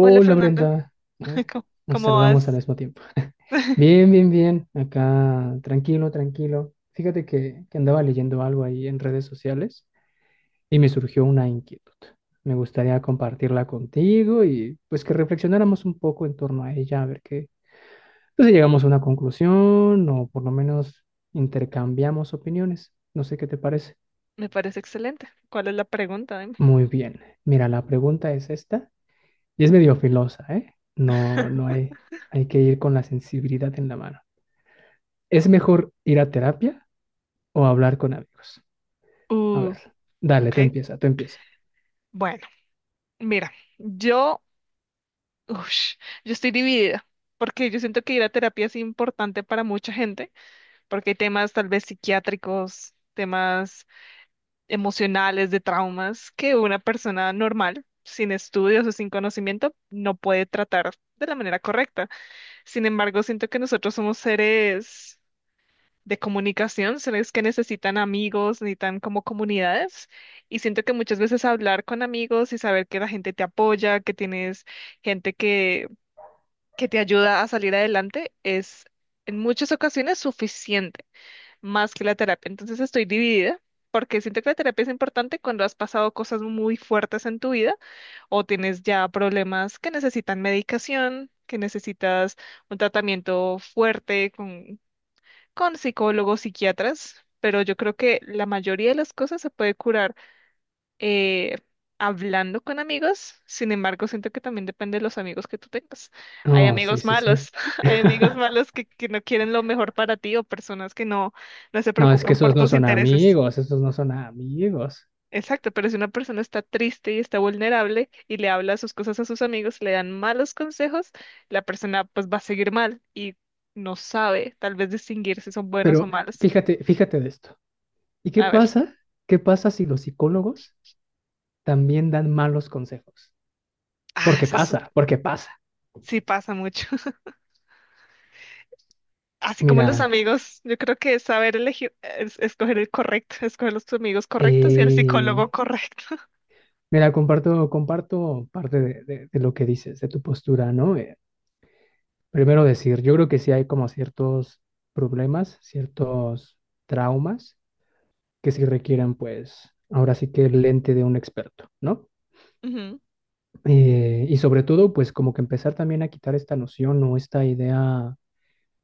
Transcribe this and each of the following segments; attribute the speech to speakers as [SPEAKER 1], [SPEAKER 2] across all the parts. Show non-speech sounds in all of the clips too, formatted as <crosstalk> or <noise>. [SPEAKER 1] Hola Fernando,
[SPEAKER 2] Brenda. A
[SPEAKER 1] <laughs>
[SPEAKER 2] ver,
[SPEAKER 1] ¿cómo,
[SPEAKER 2] nos
[SPEAKER 1] cómo
[SPEAKER 2] saludamos al
[SPEAKER 1] vas?
[SPEAKER 2] mismo tiempo. <laughs> Bien,
[SPEAKER 1] <laughs>
[SPEAKER 2] bien, bien, acá tranquilo, tranquilo. Fíjate que andaba leyendo algo ahí en redes sociales y me surgió una inquietud. Me gustaría compartirla contigo y pues que reflexionáramos un poco en torno a ella, a ver qué, pues, si llegamos a una conclusión o por lo menos intercambiamos opiniones. No sé qué te parece.
[SPEAKER 1] Me parece excelente. ¿Cuál es la pregunta? Dime.
[SPEAKER 2] Muy bien, mira, la pregunta es esta. Y es medio filosa, ¿eh? No, no
[SPEAKER 1] <laughs>
[SPEAKER 2] hay, hay que ir con la sensibilidad en la mano. ¿Es mejor ir a terapia o hablar con amigos? A
[SPEAKER 1] Uh,
[SPEAKER 2] ver, dale, tú
[SPEAKER 1] ok.
[SPEAKER 2] empieza, tú empieza.
[SPEAKER 1] Bueno, mira, yo, ush, yo estoy dividida porque yo siento que ir a terapia es importante para mucha gente, porque hay temas tal vez psiquiátricos, temas emocionales, de traumas que una persona normal, sin estudios o sin conocimiento, no puede tratar de la manera correcta. Sin embargo, siento que nosotros somos seres de comunicación, sino es que necesitan amigos, necesitan como comunidades. Y siento que muchas veces hablar con amigos y saber que la gente te apoya, que tienes gente que te ayuda a salir adelante, es en muchas ocasiones suficiente, más que la terapia. Entonces estoy dividida. Porque siento que la terapia es importante cuando has pasado cosas muy fuertes en tu vida o tienes ya problemas que necesitan medicación, que necesitas un tratamiento fuerte con psicólogos, psiquiatras, pero yo creo que la mayoría de las cosas se puede curar eh, hablando con amigos. Sin embargo, siento que también depende de los amigos que tú tengas. Hay
[SPEAKER 2] Oh, sí,
[SPEAKER 1] amigos
[SPEAKER 2] sí, sí.
[SPEAKER 1] malos, <laughs> hay amigos
[SPEAKER 2] <laughs>
[SPEAKER 1] malos que no quieren lo mejor para ti o personas que no, no se
[SPEAKER 2] No, es que
[SPEAKER 1] preocupan
[SPEAKER 2] esos
[SPEAKER 1] por
[SPEAKER 2] no
[SPEAKER 1] tus
[SPEAKER 2] son
[SPEAKER 1] intereses.
[SPEAKER 2] amigos, esos no son amigos.
[SPEAKER 1] Exacto, pero si una persona está triste y está vulnerable y le habla sus cosas a sus amigos, le dan malos consejos, la persona pues va a seguir mal y no sabe tal vez distinguir si son buenos o
[SPEAKER 2] Pero
[SPEAKER 1] malos.
[SPEAKER 2] fíjate, fíjate de esto. ¿Y qué
[SPEAKER 1] A ver.
[SPEAKER 2] pasa? ¿Qué pasa si los psicólogos también dan malos consejos?
[SPEAKER 1] Ah,
[SPEAKER 2] Porque
[SPEAKER 1] eso,
[SPEAKER 2] pasa, porque pasa.
[SPEAKER 1] sí pasa mucho. <laughs> Así como
[SPEAKER 2] Mira,
[SPEAKER 1] los amigos, yo creo que es saber elegir, escoger el correcto, escoger los amigos correctos y el
[SPEAKER 2] eh,
[SPEAKER 1] psicólogo correcto. <laughs>
[SPEAKER 2] Mira, comparto, comparto parte de, de lo que dices, de tu postura, ¿no? Primero decir, yo creo que sí hay como ciertos problemas, ciertos traumas que sí requieren, pues, ahora sí que el lente de un experto, ¿no?
[SPEAKER 1] Ujú,
[SPEAKER 2] Y sobre todo, pues, como que empezar también a quitar esta noción o esta idea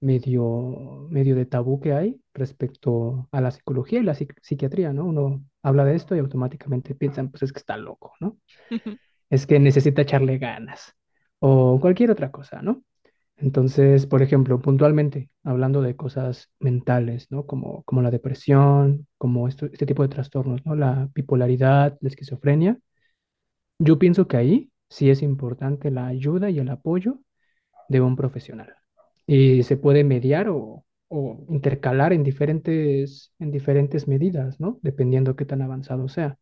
[SPEAKER 2] medio de tabú que hay respecto a la psicología y la psiquiatría, ¿no? Uno habla de esto y automáticamente piensan, pues, es que está loco, ¿no?
[SPEAKER 1] ujú,
[SPEAKER 2] Es que necesita echarle ganas o cualquier otra cosa, ¿no? Entonces, por ejemplo, puntualmente, hablando de cosas mentales, ¿no? Como la depresión, como este tipo de trastornos, ¿no? La bipolaridad, la esquizofrenia. Yo pienso que ahí sí es importante la ayuda y el apoyo de un profesional. Y se puede mediar o intercalar en diferentes medidas, ¿no? Dependiendo qué tan avanzado sea.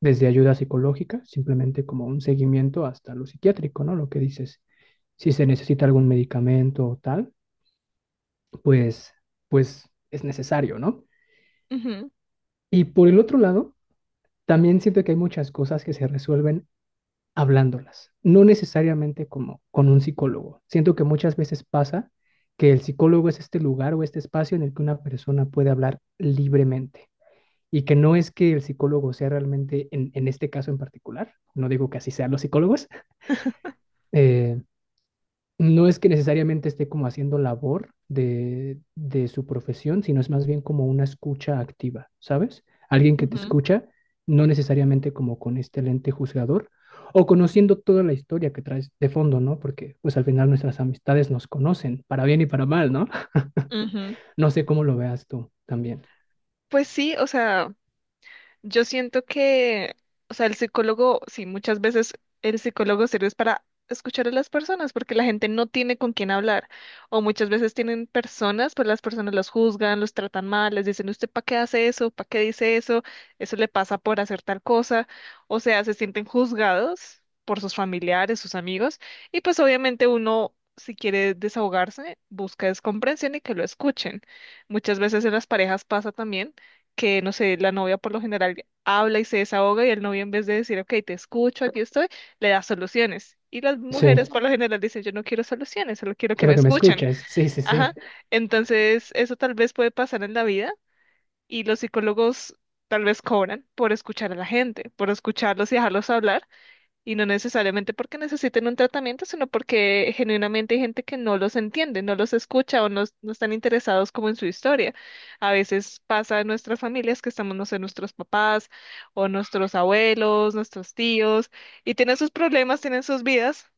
[SPEAKER 2] Desde ayuda psicológica, simplemente como un seguimiento, hasta lo psiquiátrico, ¿no? Lo que dices, si se necesita algún medicamento o tal, pues, pues es necesario, ¿no?
[SPEAKER 1] ujú,
[SPEAKER 2] Y por el otro lado, también siento que hay muchas cosas que se resuelven hablándolas, no necesariamente como con un psicólogo. Siento que muchas veces pasa que el psicólogo es este lugar o este espacio en el que una persona puede hablar libremente y que no es que el psicólogo sea realmente, en este caso en particular, no digo que así sean los psicólogos, eh, no es que necesariamente esté como haciendo labor de su profesión, sino es más bien como una escucha activa, ¿sabes? Alguien que te
[SPEAKER 1] ujú,
[SPEAKER 2] escucha, no necesariamente como con este lente juzgador o conociendo toda la historia que traes de fondo, ¿no? Porque pues al final nuestras amistades nos conocen, para bien y para mal, ¿no? <laughs>
[SPEAKER 1] ujú.
[SPEAKER 2] No sé cómo lo veas tú también.
[SPEAKER 1] Pues sí, o sea. Yo siento que, o sea, el psicólogo, sí, muchas veces el psicólogo sirve es para escuchar a las personas, porque la gente no tiene con quién hablar. O muchas veces tienen personas, pues las personas los juzgan, los tratan mal, les dicen, ¿usted para qué hace eso? ¿Para qué dice eso? Eso le pasa por hacer tal cosa. O sea, se sienten juzgados por sus familiares, sus amigos, y pues obviamente uno, si quiere desahogarse, busca es comprensión y que lo escuchen. Muchas veces en las parejas pasa también que, no sé, la novia por lo general habla y se desahoga y el novio en vez de decir, ok, te escucho, aquí estoy, le da soluciones. Y las mujeres
[SPEAKER 2] Sí,
[SPEAKER 1] por lo general dicen, yo no quiero soluciones, solo quiero que me
[SPEAKER 2] quiero que me
[SPEAKER 1] escuchen.
[SPEAKER 2] escuches. Sí, sí,
[SPEAKER 1] <laughs> Ajá.
[SPEAKER 2] sí.
[SPEAKER 1] Entonces, eso tal vez puede pasar en la vida y los psicólogos tal vez cobran por escuchar a la gente, por escucharlos y dejarlos hablar y no necesariamente porque necesiten un tratamiento, sino porque genuinamente hay gente que no los entiende, no los escucha o no, no están interesados como en su historia. A veces pasa en nuestras familias que estamos, no sé, nuestros papás o nuestros abuelos, nuestros tíos, y tienen sus problemas, tienen sus vidas.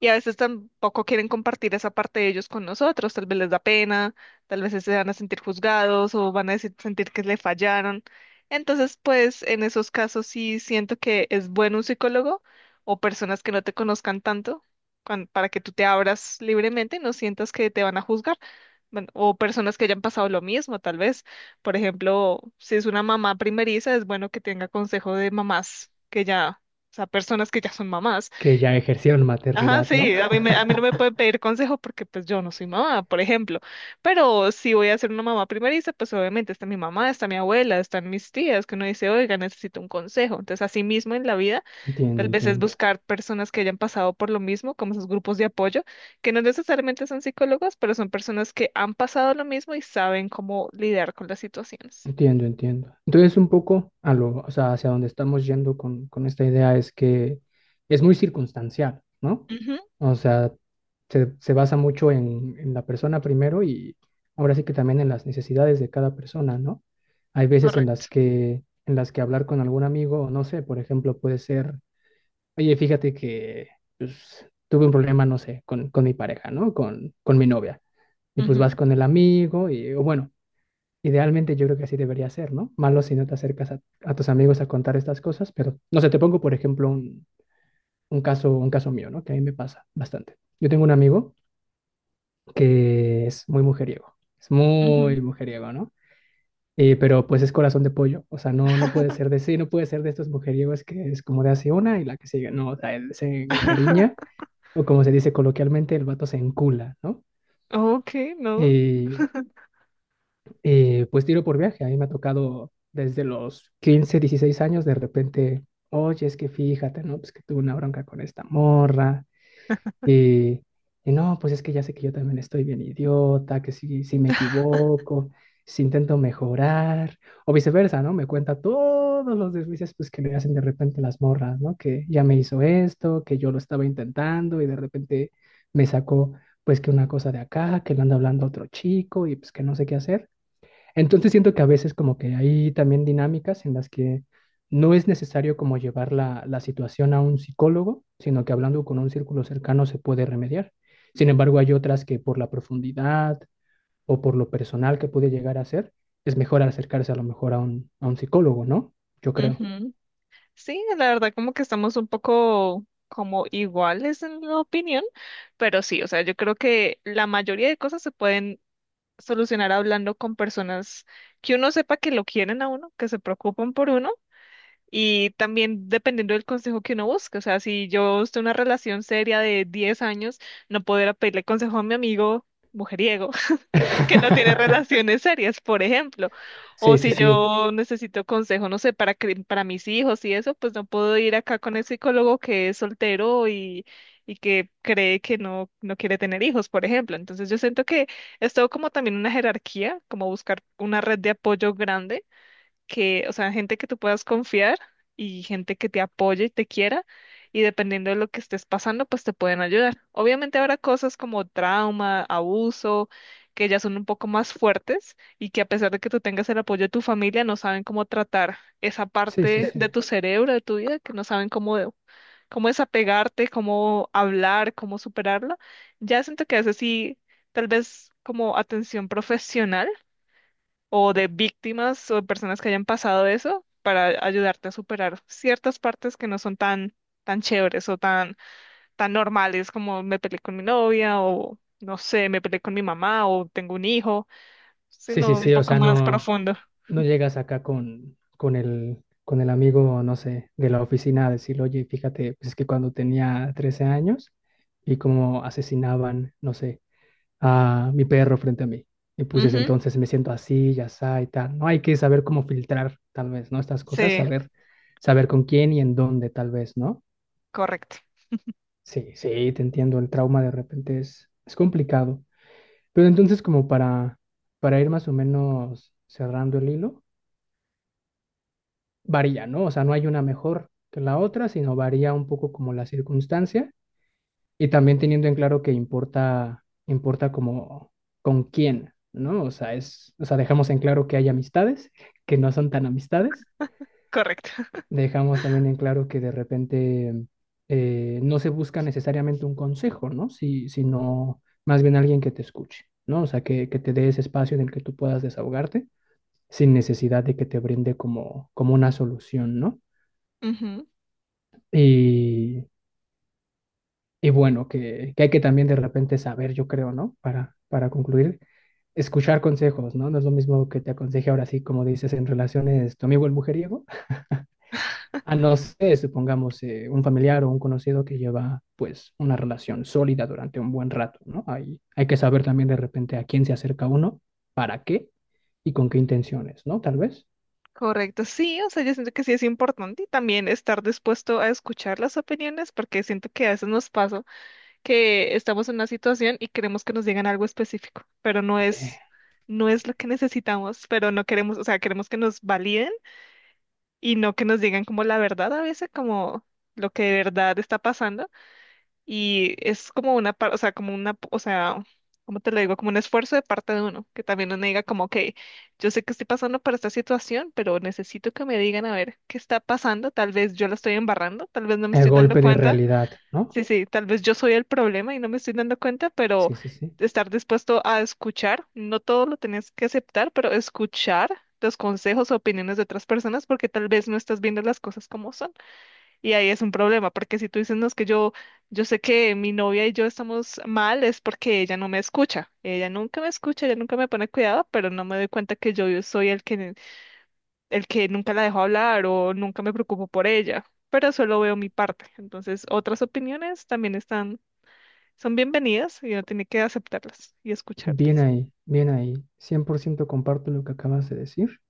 [SPEAKER 1] Y a veces tampoco quieren compartir esa parte de ellos con nosotros, tal vez les da pena, tal vez se van a sentir juzgados o van a decir- sentir que le fallaron. Entonces, pues en esos casos sí siento que es bueno un psicólogo o personas que no te conozcan tanto para que tú te abras libremente y no sientas que te van a juzgar. Bueno, o personas que hayan pasado lo mismo, tal vez. Por ejemplo, si es una mamá primeriza, es bueno que tenga consejo de mamás que ya, o sea, personas que ya son mamás.
[SPEAKER 2] Que ya ejercieron
[SPEAKER 1] Ajá, <laughs>
[SPEAKER 2] maternidad, ¿no?
[SPEAKER 1] sí, a mí, a mí no me pueden pedir consejos porque pues yo no soy mamá, por ejemplo, pero si voy a ser una mamá primeriza, pues obviamente está mi mamá, está mi abuela, están mis tías, que uno dice, oiga, necesito un consejo. Entonces, así mismo en la vida,
[SPEAKER 2] Entiendo,
[SPEAKER 1] tal vez es
[SPEAKER 2] entiendo.
[SPEAKER 1] buscar personas que hayan pasado por lo mismo, como esos grupos de apoyo, que no necesariamente son psicólogos, pero son personas que han pasado lo mismo y saben cómo lidiar con las situaciones.
[SPEAKER 2] Entiendo, entiendo. Entonces, un poco a lo, o sea, hacia dónde estamos yendo con esta idea es que es muy circunstancial, ¿no?
[SPEAKER 1] Ujú,
[SPEAKER 2] O sea, se basa mucho en la persona primero y ahora sí que también en las necesidades de cada persona, ¿no? Hay veces en las
[SPEAKER 1] correcto.
[SPEAKER 2] que hablar con algún amigo, no sé, por ejemplo, puede ser, oye, fíjate que pues, tuve un problema, no sé, con mi pareja, ¿no? Con mi novia. Y pues vas
[SPEAKER 1] Ujú,
[SPEAKER 2] con el amigo y, o bueno. Idealmente yo creo que así debería ser, ¿no? Malo si no te acercas a tus amigos a contar estas cosas, pero no sé, te pongo por ejemplo un caso mío, ¿no? Que a mí me pasa bastante. Yo tengo un amigo que es
[SPEAKER 1] ujú.
[SPEAKER 2] muy mujeriego, ¿no? Pero pues es corazón de pollo, o sea, no, no puede ser de sí, no puede ser de estos mujeriegos que es como de hace una y la que sigue, no, o sea, él se encariña
[SPEAKER 1] <laughs>
[SPEAKER 2] o como se dice coloquialmente, el vato se encula, ¿no?
[SPEAKER 1] Ok, no.
[SPEAKER 2] Y Y pues tiro por viaje. A mí me ha tocado desde los 15 16 años, de repente, oye, es que fíjate, ¿no? Pues que tuve una bronca con esta morra. Y, y no, pues es que ya sé que yo también estoy bien idiota, que si me equivoco, si intento mejorar, o viceversa, ¿no? Me cuenta todos los deslices pues, que le hacen de repente las morras, ¿no? Que ya me hizo esto, que yo lo estaba intentando y de repente me sacó, pues que una cosa de acá, que le anda hablando a otro chico y pues que no sé qué hacer. Entonces siento que a veces como que hay también dinámicas en las que no es necesario como llevar la situación a un psicólogo, sino que hablando con un círculo cercano se puede remediar. Sin embargo, hay otras que por la profundidad o por lo personal que puede llegar a ser, es mejor acercarse a lo mejor a un psicólogo, ¿no? Yo creo.
[SPEAKER 1] Sí, la verdad como que estamos un poco como iguales en la opinión, pero sí, o sea, yo creo que la mayoría de cosas se pueden solucionar hablando con personas que uno sepa que lo quieren a uno, que se preocupan por uno y también dependiendo del consejo que uno busque, o sea, si yo estoy en una relación seria de 10 años, no poder pedirle consejo a mi amigo mujeriego que no tiene
[SPEAKER 2] <laughs>
[SPEAKER 1] relaciones serias, por ejemplo. O
[SPEAKER 2] Sí, sí,
[SPEAKER 1] si
[SPEAKER 2] sí.
[SPEAKER 1] yo necesito consejo, no sé, para mis hijos y eso, pues no puedo ir acá con el psicólogo que es soltero y que cree que no, no quiere tener hijos, por ejemplo. Entonces yo siento que es todo como también una jerarquía, como buscar una red de apoyo grande que, o sea, gente que tú puedas confiar y gente que te apoye y te quiera, y dependiendo de lo que estés pasando, pues te pueden ayudar. Obviamente habrá cosas como trauma, abuso, que ya son un poco más fuertes y que a pesar de que tú tengas el apoyo de tu familia, no saben cómo tratar esa
[SPEAKER 2] Sí, sí,
[SPEAKER 1] parte de
[SPEAKER 2] sí.
[SPEAKER 1] tu cerebro, de tu vida, que no saben cómo, cómo desapegarte, cómo hablar, cómo superarla. Ya siento que a veces sí, tal vez como atención profesional o de víctimas o de personas que hayan pasado eso para ayudarte a superar ciertas partes que no son tan, tan chéveres o tan, tan normales como me peleé con mi novia o no sé, me peleé con mi mamá o tengo un hijo,
[SPEAKER 2] Sí, sí,
[SPEAKER 1] sino un
[SPEAKER 2] sí. O
[SPEAKER 1] poco
[SPEAKER 2] sea,
[SPEAKER 1] más
[SPEAKER 2] no,
[SPEAKER 1] profundo.
[SPEAKER 2] no llegas acá con el amigo, no sé, de la oficina a decirle, oye, fíjate, pues es que cuando tenía 13 años y como asesinaban, no sé, a mi perro frente a mí. Y pues desde
[SPEAKER 1] Ujú.
[SPEAKER 2] entonces me siento así, ya está y tal. No hay que saber cómo filtrar, tal vez, ¿no? Estas cosas,
[SPEAKER 1] Sí,
[SPEAKER 2] saber, saber con quién y en dónde, tal vez, ¿no?
[SPEAKER 1] correcto,
[SPEAKER 2] Sí, sí, te entiendo, el trauma de repente es complicado. Pero entonces, como para ir más o menos cerrando el hilo, varía, ¿no? O sea, no hay una mejor que la otra, sino varía un poco como la circunstancia y también teniendo en claro que importa, importa como con quién, ¿no? O sea, es, o sea, dejamos en claro que hay amistades que no son tan amistades,
[SPEAKER 1] correcto. <laughs>
[SPEAKER 2] dejamos también en claro que de repente no se busca necesariamente un consejo, ¿no? Si, sino más bien alguien que te escuche, ¿no? O sea, que te dé ese espacio en el que tú puedas desahogarte sin necesidad de que te brinde como una solución, ¿no?
[SPEAKER 1] Ujú.
[SPEAKER 2] Y, Y bueno, que hay que también de repente saber, yo creo ¿no? Para concluir, escuchar consejos, ¿no? No es lo mismo que te aconseje ahora sí, como dices, en relaciones tu amigo el mujeriego, a no sé supongamos, un familiar o un conocido que lleva, pues, una relación sólida durante un buen rato, ¿no? Hay que saber también de repente a quién se acerca uno, para qué y con qué intenciones, ¿no? Tal vez.
[SPEAKER 1] Correcto, sí, o sea, yo siento que sí es importante y también estar dispuesto a escuchar las opiniones porque siento que a veces nos pasa que estamos en una situación y queremos que nos digan algo específico, pero no
[SPEAKER 2] Eh,
[SPEAKER 1] es, no es lo que necesitamos, pero no queremos, o sea, queremos que nos validen y no que nos digan como la verdad a veces, como lo que de verdad está pasando y es como una, o sea, como una, o sea, ¿cómo te lo digo? Como un esfuerzo de parte de uno, que también uno diga como, ok, yo sé que estoy pasando por esta situación, pero necesito que me digan a ver qué está pasando, tal vez yo la estoy embarrando, tal vez no me
[SPEAKER 2] el
[SPEAKER 1] estoy dando
[SPEAKER 2] golpe de
[SPEAKER 1] cuenta.
[SPEAKER 2] realidad, ¿no?
[SPEAKER 1] Sí, sí, tal vez yo soy el problema y no me estoy dando cuenta, pero
[SPEAKER 2] Sí, sí, sí.
[SPEAKER 1] estar dispuesto a escuchar, no todo lo tenés que aceptar, pero escuchar los consejos o opiniones de otras personas porque tal vez no estás viendo las cosas como son. Y ahí es un problema, porque si tú dices, no, es que yo sé que mi novia y yo estamos mal, es porque ella no me escucha. Ella nunca me escucha, ella nunca me pone cuidado, pero no me doy cuenta que yo soy el que nunca la dejo hablar o nunca me preocupo por ella pero solo veo mi parte. Entonces, otras opiniones también están son bienvenidas y uno tiene que aceptarlas y
[SPEAKER 2] Bien
[SPEAKER 1] escucharlas.
[SPEAKER 2] ahí, bien ahí. 100% comparto lo que acabas de decir.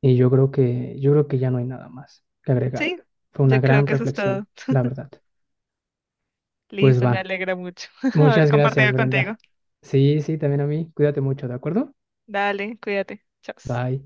[SPEAKER 2] Y yo creo que ya no hay nada más que
[SPEAKER 1] Sí,
[SPEAKER 2] agregar. Fue una
[SPEAKER 1] yo creo
[SPEAKER 2] gran
[SPEAKER 1] que eso es todo.
[SPEAKER 2] reflexión, la verdad. Pues
[SPEAKER 1] Listo, me
[SPEAKER 2] va.
[SPEAKER 1] alegra mucho <laughs> haber
[SPEAKER 2] Muchas gracias,
[SPEAKER 1] compartido
[SPEAKER 2] Brenda.
[SPEAKER 1] contigo.
[SPEAKER 2] Sí, sí, también a mí. Cuídate mucho, ¿de acuerdo?
[SPEAKER 1] Dale, cuídate. Chao.
[SPEAKER 2] Bye.